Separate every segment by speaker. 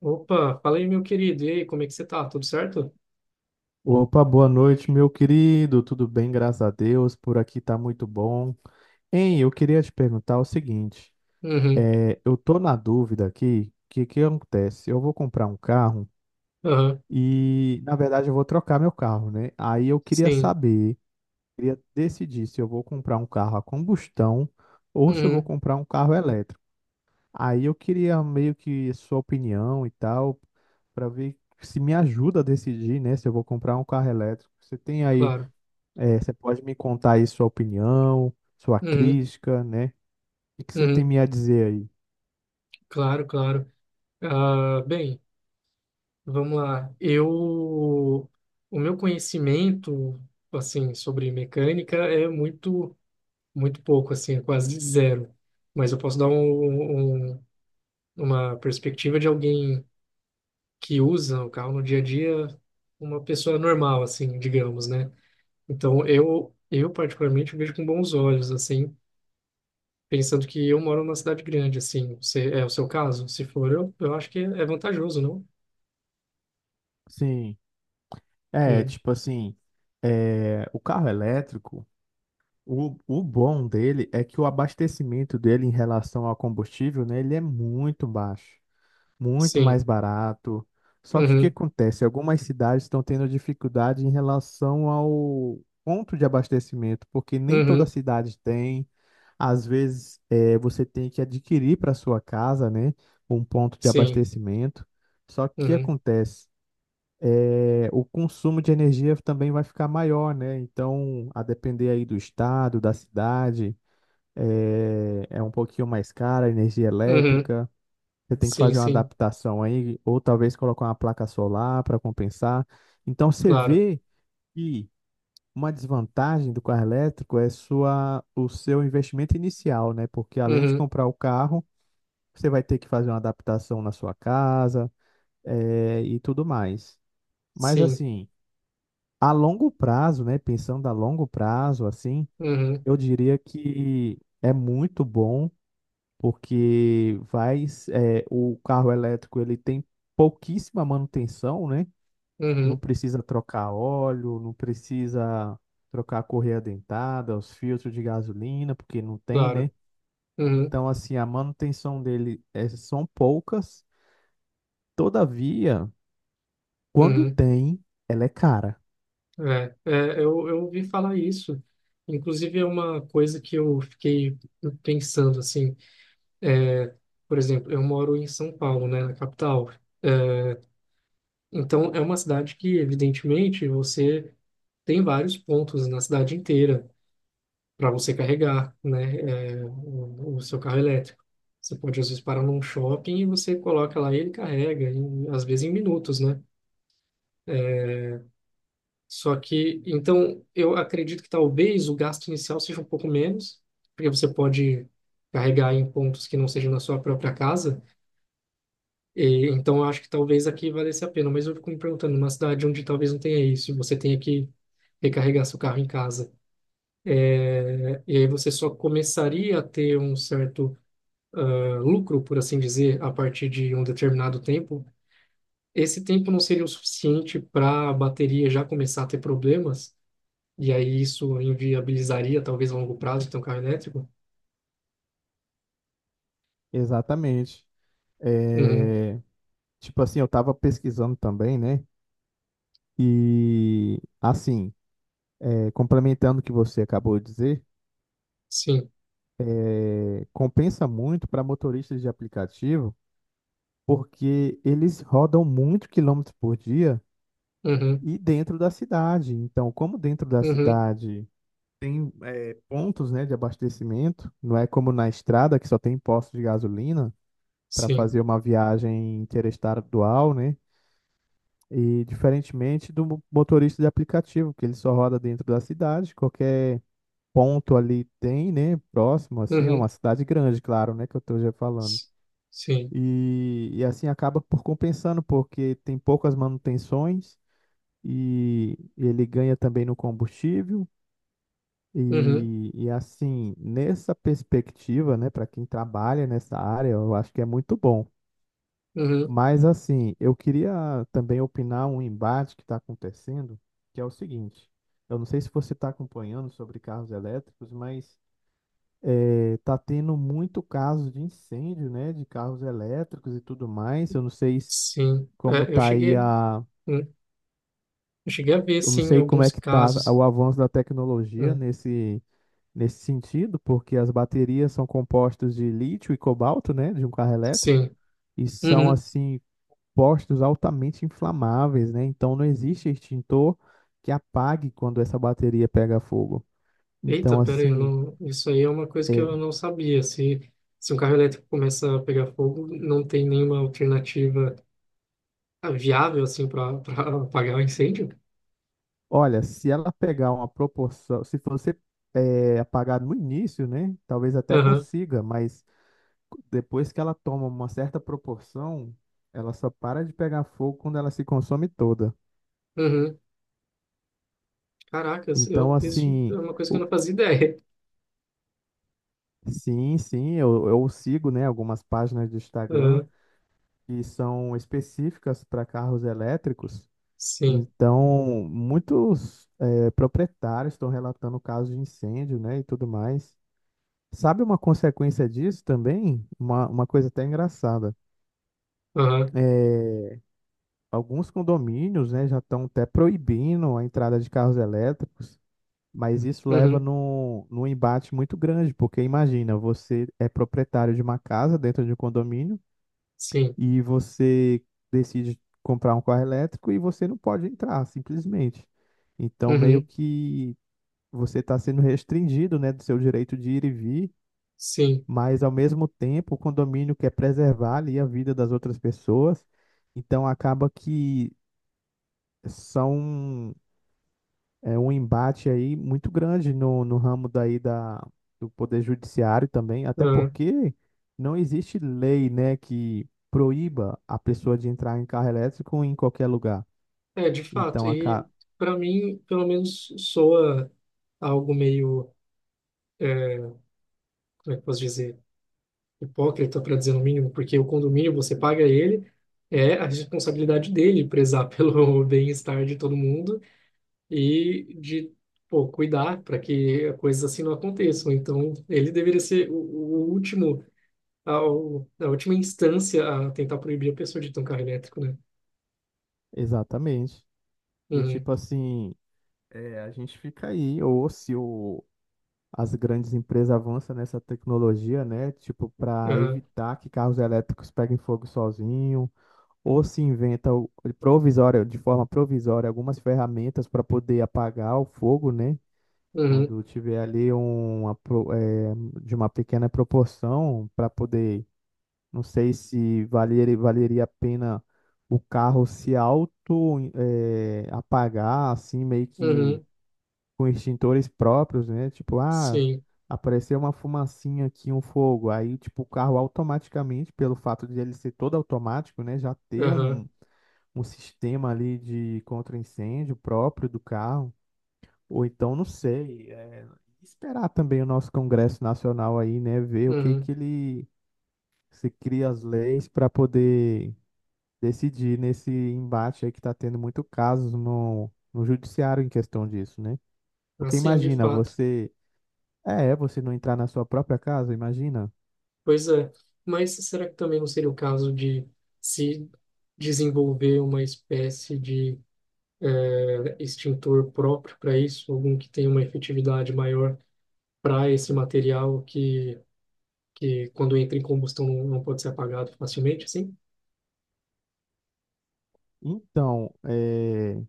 Speaker 1: Opa, fala aí, meu querido. E aí, como é que você tá? Tudo certo?
Speaker 2: Opa, boa noite, meu querido. Tudo bem, graças a Deus. Por aqui tá muito bom. Hein, eu queria te perguntar o seguinte:
Speaker 1: Uhum,
Speaker 2: eu tô na dúvida aqui, o que que acontece? Eu vou comprar um carro
Speaker 1: aham,
Speaker 2: e, na verdade, eu vou trocar meu carro, né? Aí eu queria
Speaker 1: sim.
Speaker 2: saber, queria decidir se eu vou comprar um carro a combustão ou se eu vou
Speaker 1: Uhum,
Speaker 2: comprar um carro elétrico. Aí eu queria meio que sua opinião e tal, para ver se me ajuda a decidir, né, se eu vou comprar um carro elétrico. Você tem aí
Speaker 1: claro.
Speaker 2: você pode me contar aí sua opinião, sua
Speaker 1: Uhum,
Speaker 2: crítica, né? O que que você tem
Speaker 1: uhum,
Speaker 2: me a dizer aí?
Speaker 1: claro, claro. Ah, bem, vamos lá. O meu conhecimento, assim, sobre mecânica é muito, muito pouco, assim, é quase zero. Mas eu posso dar uma perspectiva de alguém que usa o carro no dia a dia, uma pessoa normal, assim, digamos, né? Então, eu particularmente vejo com bons olhos, assim, pensando que eu moro numa cidade grande, assim. É o seu caso? Se for, eu acho que é vantajoso, não?
Speaker 2: Sim, é,
Speaker 1: Hum,
Speaker 2: tipo assim, o carro elétrico, o bom dele é que o abastecimento dele em relação ao combustível, né, ele é muito baixo. Muito mais
Speaker 1: sim.
Speaker 2: barato. Só que o que
Speaker 1: Uhum,
Speaker 2: acontece? Algumas cidades estão tendo dificuldade em relação ao ponto de abastecimento, porque nem toda
Speaker 1: uhum,
Speaker 2: cidade tem. Às vezes, você tem que adquirir para sua casa, né, um ponto de
Speaker 1: sim.
Speaker 2: abastecimento. Só que o que
Speaker 1: Uhum,
Speaker 2: acontece? O consumo de energia também vai ficar maior, né? Então, a depender aí do estado, da cidade, é um pouquinho mais cara a energia
Speaker 1: uhum,
Speaker 2: elétrica. Você tem que
Speaker 1: sim,
Speaker 2: fazer uma
Speaker 1: sim.
Speaker 2: adaptação aí, ou talvez colocar uma placa solar para compensar. Então você
Speaker 1: Claro.
Speaker 2: vê que uma desvantagem do carro elétrico é sua, o seu investimento inicial, né? Porque além de
Speaker 1: Uhum,
Speaker 2: comprar o carro, você vai ter que fazer uma adaptação na sua casa, e tudo mais. Mas
Speaker 1: sim.
Speaker 2: assim, a longo prazo, né? Pensando a longo prazo, assim,
Speaker 1: Uhum,
Speaker 2: eu diria que é muito bom porque vai, é, o carro elétrico ele tem pouquíssima manutenção, né? Não
Speaker 1: uhum,
Speaker 2: precisa trocar óleo, não precisa trocar a correia dentada, os filtros de gasolina, porque não tem,
Speaker 1: claro.
Speaker 2: né?
Speaker 1: Uhum,
Speaker 2: Então, assim, a manutenção dele é, são poucas. Todavia, quando
Speaker 1: uhum.
Speaker 2: tem, ela é cara.
Speaker 1: É, eu ouvi falar isso. Inclusive, é uma coisa que eu fiquei pensando, assim. É, por exemplo, eu moro em São Paulo, né, na capital. É, então, é uma cidade que, evidentemente, você tem vários pontos na cidade inteira para você carregar, né, o seu carro elétrico. Você pode, às vezes, parar num shopping e você coloca lá e ele carrega, às vezes em minutos, né? Só que, então, eu acredito que talvez o gasto inicial seja um pouco menos, porque você pode carregar em pontos que não sejam na sua própria casa. E, então, acho que talvez aqui valesse a pena. Mas eu fico me perguntando, numa cidade onde talvez não tenha isso, você tenha que recarregar seu carro em casa, né? E aí você só começaria a ter um certo, ah, lucro, por assim dizer, a partir de um determinado tempo. Esse tempo não seria o suficiente para a bateria já começar a ter problemas, e aí isso inviabilizaria, talvez a longo prazo, ter um carro elétrico?
Speaker 2: Exatamente.
Speaker 1: Uhum,
Speaker 2: É, tipo assim, eu estava pesquisando também, né? E assim, é, complementando o que você acabou de dizer,
Speaker 1: sim.
Speaker 2: é, compensa muito para motoristas de aplicativo, porque eles rodam muito quilômetros por dia
Speaker 1: Uhum,
Speaker 2: e dentro da cidade. Então, como dentro da
Speaker 1: uhum,
Speaker 2: cidade tem pontos, né, de abastecimento, não é como na estrada que só tem postos de gasolina para
Speaker 1: sim.
Speaker 2: fazer uma viagem interestadual, né? E diferentemente do motorista de aplicativo, que ele só roda dentro da cidade, qualquer ponto ali tem, né, próximo assim, é uma
Speaker 1: Uhum,
Speaker 2: cidade grande, claro, né, que eu estou já falando.
Speaker 1: s- sim.
Speaker 2: E assim acaba por compensando, porque tem poucas manutenções e ele ganha também no combustível.
Speaker 1: Uhum,
Speaker 2: E assim, nessa perspectiva, né, para quem trabalha nessa área, eu acho que é muito bom.
Speaker 1: uhum.
Speaker 2: Mas assim, eu queria também opinar um embate que está acontecendo, que é o seguinte: eu não sei se você está acompanhando sobre carros elétricos, mas tá tendo muito caso de incêndio, né, de carros elétricos e tudo mais. Eu não sei se
Speaker 1: Sim.
Speaker 2: como
Speaker 1: É,
Speaker 2: tá aí a,
Speaker 1: hum, eu cheguei a ver,
Speaker 2: eu não
Speaker 1: sim,
Speaker 2: sei como é
Speaker 1: alguns
Speaker 2: que tá
Speaker 1: casos.
Speaker 2: o avanço da tecnologia
Speaker 1: Hum.
Speaker 2: nesse nesse sentido, porque as baterias são compostas de lítio e cobalto, né, de um carro elétrico,
Speaker 1: Sim.
Speaker 2: e são
Speaker 1: Uhum.
Speaker 2: assim postos altamente inflamáveis, né? Então não existe extintor que apague quando essa bateria pega fogo. Então
Speaker 1: Eita, peraí, eu
Speaker 2: assim,
Speaker 1: não, isso aí é uma coisa que eu
Speaker 2: é,
Speaker 1: não sabia. Se um carro elétrico começa a pegar fogo, não tem nenhuma alternativa viável, assim, para apagar o incêndio?
Speaker 2: olha, se ela pegar uma proporção, se você apagar no início, né, talvez até
Speaker 1: Aham,
Speaker 2: consiga, mas depois que ela toma uma certa proporção, ela só para de pegar fogo quando ela se consome toda.
Speaker 1: uhum. Caracas,
Speaker 2: Então,
Speaker 1: isso é
Speaker 2: assim,
Speaker 1: uma coisa que eu
Speaker 2: o-
Speaker 1: não fazia ideia.
Speaker 2: sim, sim, eu sigo, né, algumas páginas do Instagram
Speaker 1: Aham.
Speaker 2: que são específicas para carros elétricos.
Speaker 1: Sim,
Speaker 2: Então, muitos proprietários estão relatando casos de incêndio, né, e tudo mais. Sabe uma consequência disso também? Uma coisa até engraçada.
Speaker 1: aham,
Speaker 2: É, alguns condomínios, né, já estão até proibindo a entrada de carros elétricos, mas isso leva
Speaker 1: uhum.
Speaker 2: num embate muito grande, porque imagina, você é proprietário de uma casa dentro de um condomínio
Speaker 1: Sim,
Speaker 2: e você decide comprar um carro elétrico e você não pode entrar, simplesmente. Então, meio
Speaker 1: uhum.
Speaker 2: que você está sendo restringido, né, do seu direito de ir e vir,
Speaker 1: Sim,
Speaker 2: mas ao mesmo tempo o condomínio quer preservar ali a vida das outras pessoas, então acaba que são é um embate aí muito grande no ramo daí da, do Poder Judiciário também, até
Speaker 1: aham.
Speaker 2: porque não existe lei, né, que proíba a pessoa de entrar em carro elétrico em qualquer lugar.
Speaker 1: É, de fato,
Speaker 2: Então, a
Speaker 1: e
Speaker 2: ca...
Speaker 1: para mim, pelo menos soa algo meio, é, como é que eu posso dizer, hipócrita, para dizer no mínimo, porque o condomínio você paga ele, é a responsabilidade dele prezar pelo bem-estar de todo mundo e de, pô, cuidar para que coisas assim não aconteçam. Então, ele deveria ser o último, a última instância a tentar proibir a pessoa de ter um carro elétrico, né?
Speaker 2: exatamente. E
Speaker 1: Uhum,
Speaker 2: tipo assim, é, a gente fica aí, ou se o, as grandes empresas avançam nessa tecnologia, né, tipo, para
Speaker 1: aham,
Speaker 2: evitar que carros elétricos peguem fogo sozinho ou se inventa provisória, de forma provisória, algumas ferramentas para poder apagar o fogo, né?
Speaker 1: uhum,
Speaker 2: Quando tiver ali uma, de uma pequena proporção para poder, não sei se valeria, valeria a pena o carro se auto apagar, assim, meio que
Speaker 1: uhum,
Speaker 2: com extintores próprios, né? Tipo, ah,
Speaker 1: sim,
Speaker 2: apareceu uma fumacinha aqui, um fogo. Aí, tipo, o carro automaticamente, pelo fato de ele ser todo automático, né? Já ter
Speaker 1: aham,
Speaker 2: um um sistema ali de contra-incêndio próprio do carro, ou então, não sei, é, esperar também o nosso Congresso Nacional aí, né, ver o que
Speaker 1: uhum,
Speaker 2: que ele se cria as leis para poder decidir nesse embate aí que está tendo muito casos no judiciário em questão disso, né? Porque
Speaker 1: assim, de
Speaker 2: imagina
Speaker 1: fato.
Speaker 2: você, você não entrar na sua própria casa, imagina.
Speaker 1: Pois é, mas será que também não seria o caso de se desenvolver uma espécie de extintor próprio para isso, algum que tenha uma efetividade maior para esse material que quando entra em combustão não pode ser apagado facilmente, assim?
Speaker 2: Então, é,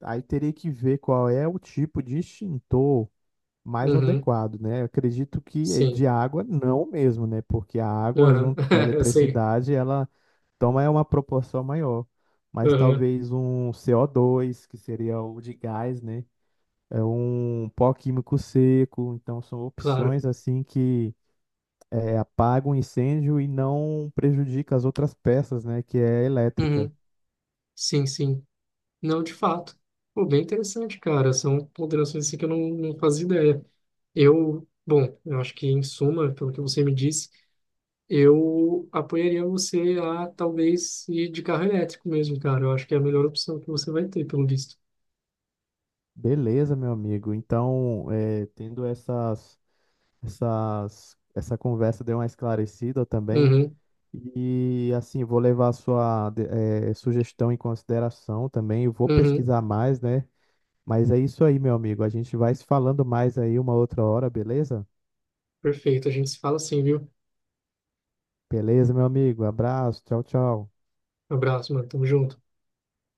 Speaker 2: aí teria que ver qual é o tipo de extintor mais
Speaker 1: Uhum,
Speaker 2: adequado, né? Eu acredito que
Speaker 1: sim,
Speaker 2: de água não mesmo, né? Porque a água
Speaker 1: uhum.
Speaker 2: junto com a
Speaker 1: Sim,
Speaker 2: eletricidade, ela toma é uma proporção maior. Mas
Speaker 1: uhum,
Speaker 2: talvez um CO2, que seria o de gás, né? É um pó químico seco, então são
Speaker 1: claro.
Speaker 2: opções assim que apagam o incêndio e não prejudica as outras peças, né? Que é a elétrica.
Speaker 1: Uhum, sim, sim. Não, de fato. Pô, bem interessante, cara. São ponderações assim que eu não fazia ideia. Bom, eu acho que em suma, pelo que você me disse, eu apoiaria você a talvez ir de carro elétrico mesmo, cara. Eu acho que é a melhor opção que você vai ter, pelo visto.
Speaker 2: Beleza, meu amigo. Então, essas, essa conversa deu uma esclarecida também.
Speaker 1: Uhum,
Speaker 2: E assim, vou levar a sua sugestão em consideração também. Eu vou
Speaker 1: uhum,
Speaker 2: pesquisar mais, né? Mas é isso aí, meu amigo. A gente vai se falando mais aí uma outra hora, beleza?
Speaker 1: perfeito. A gente se fala assim, viu?
Speaker 2: Beleza, meu amigo. Abraço. Tchau, tchau.
Speaker 1: Abraço, mano. Tamo junto.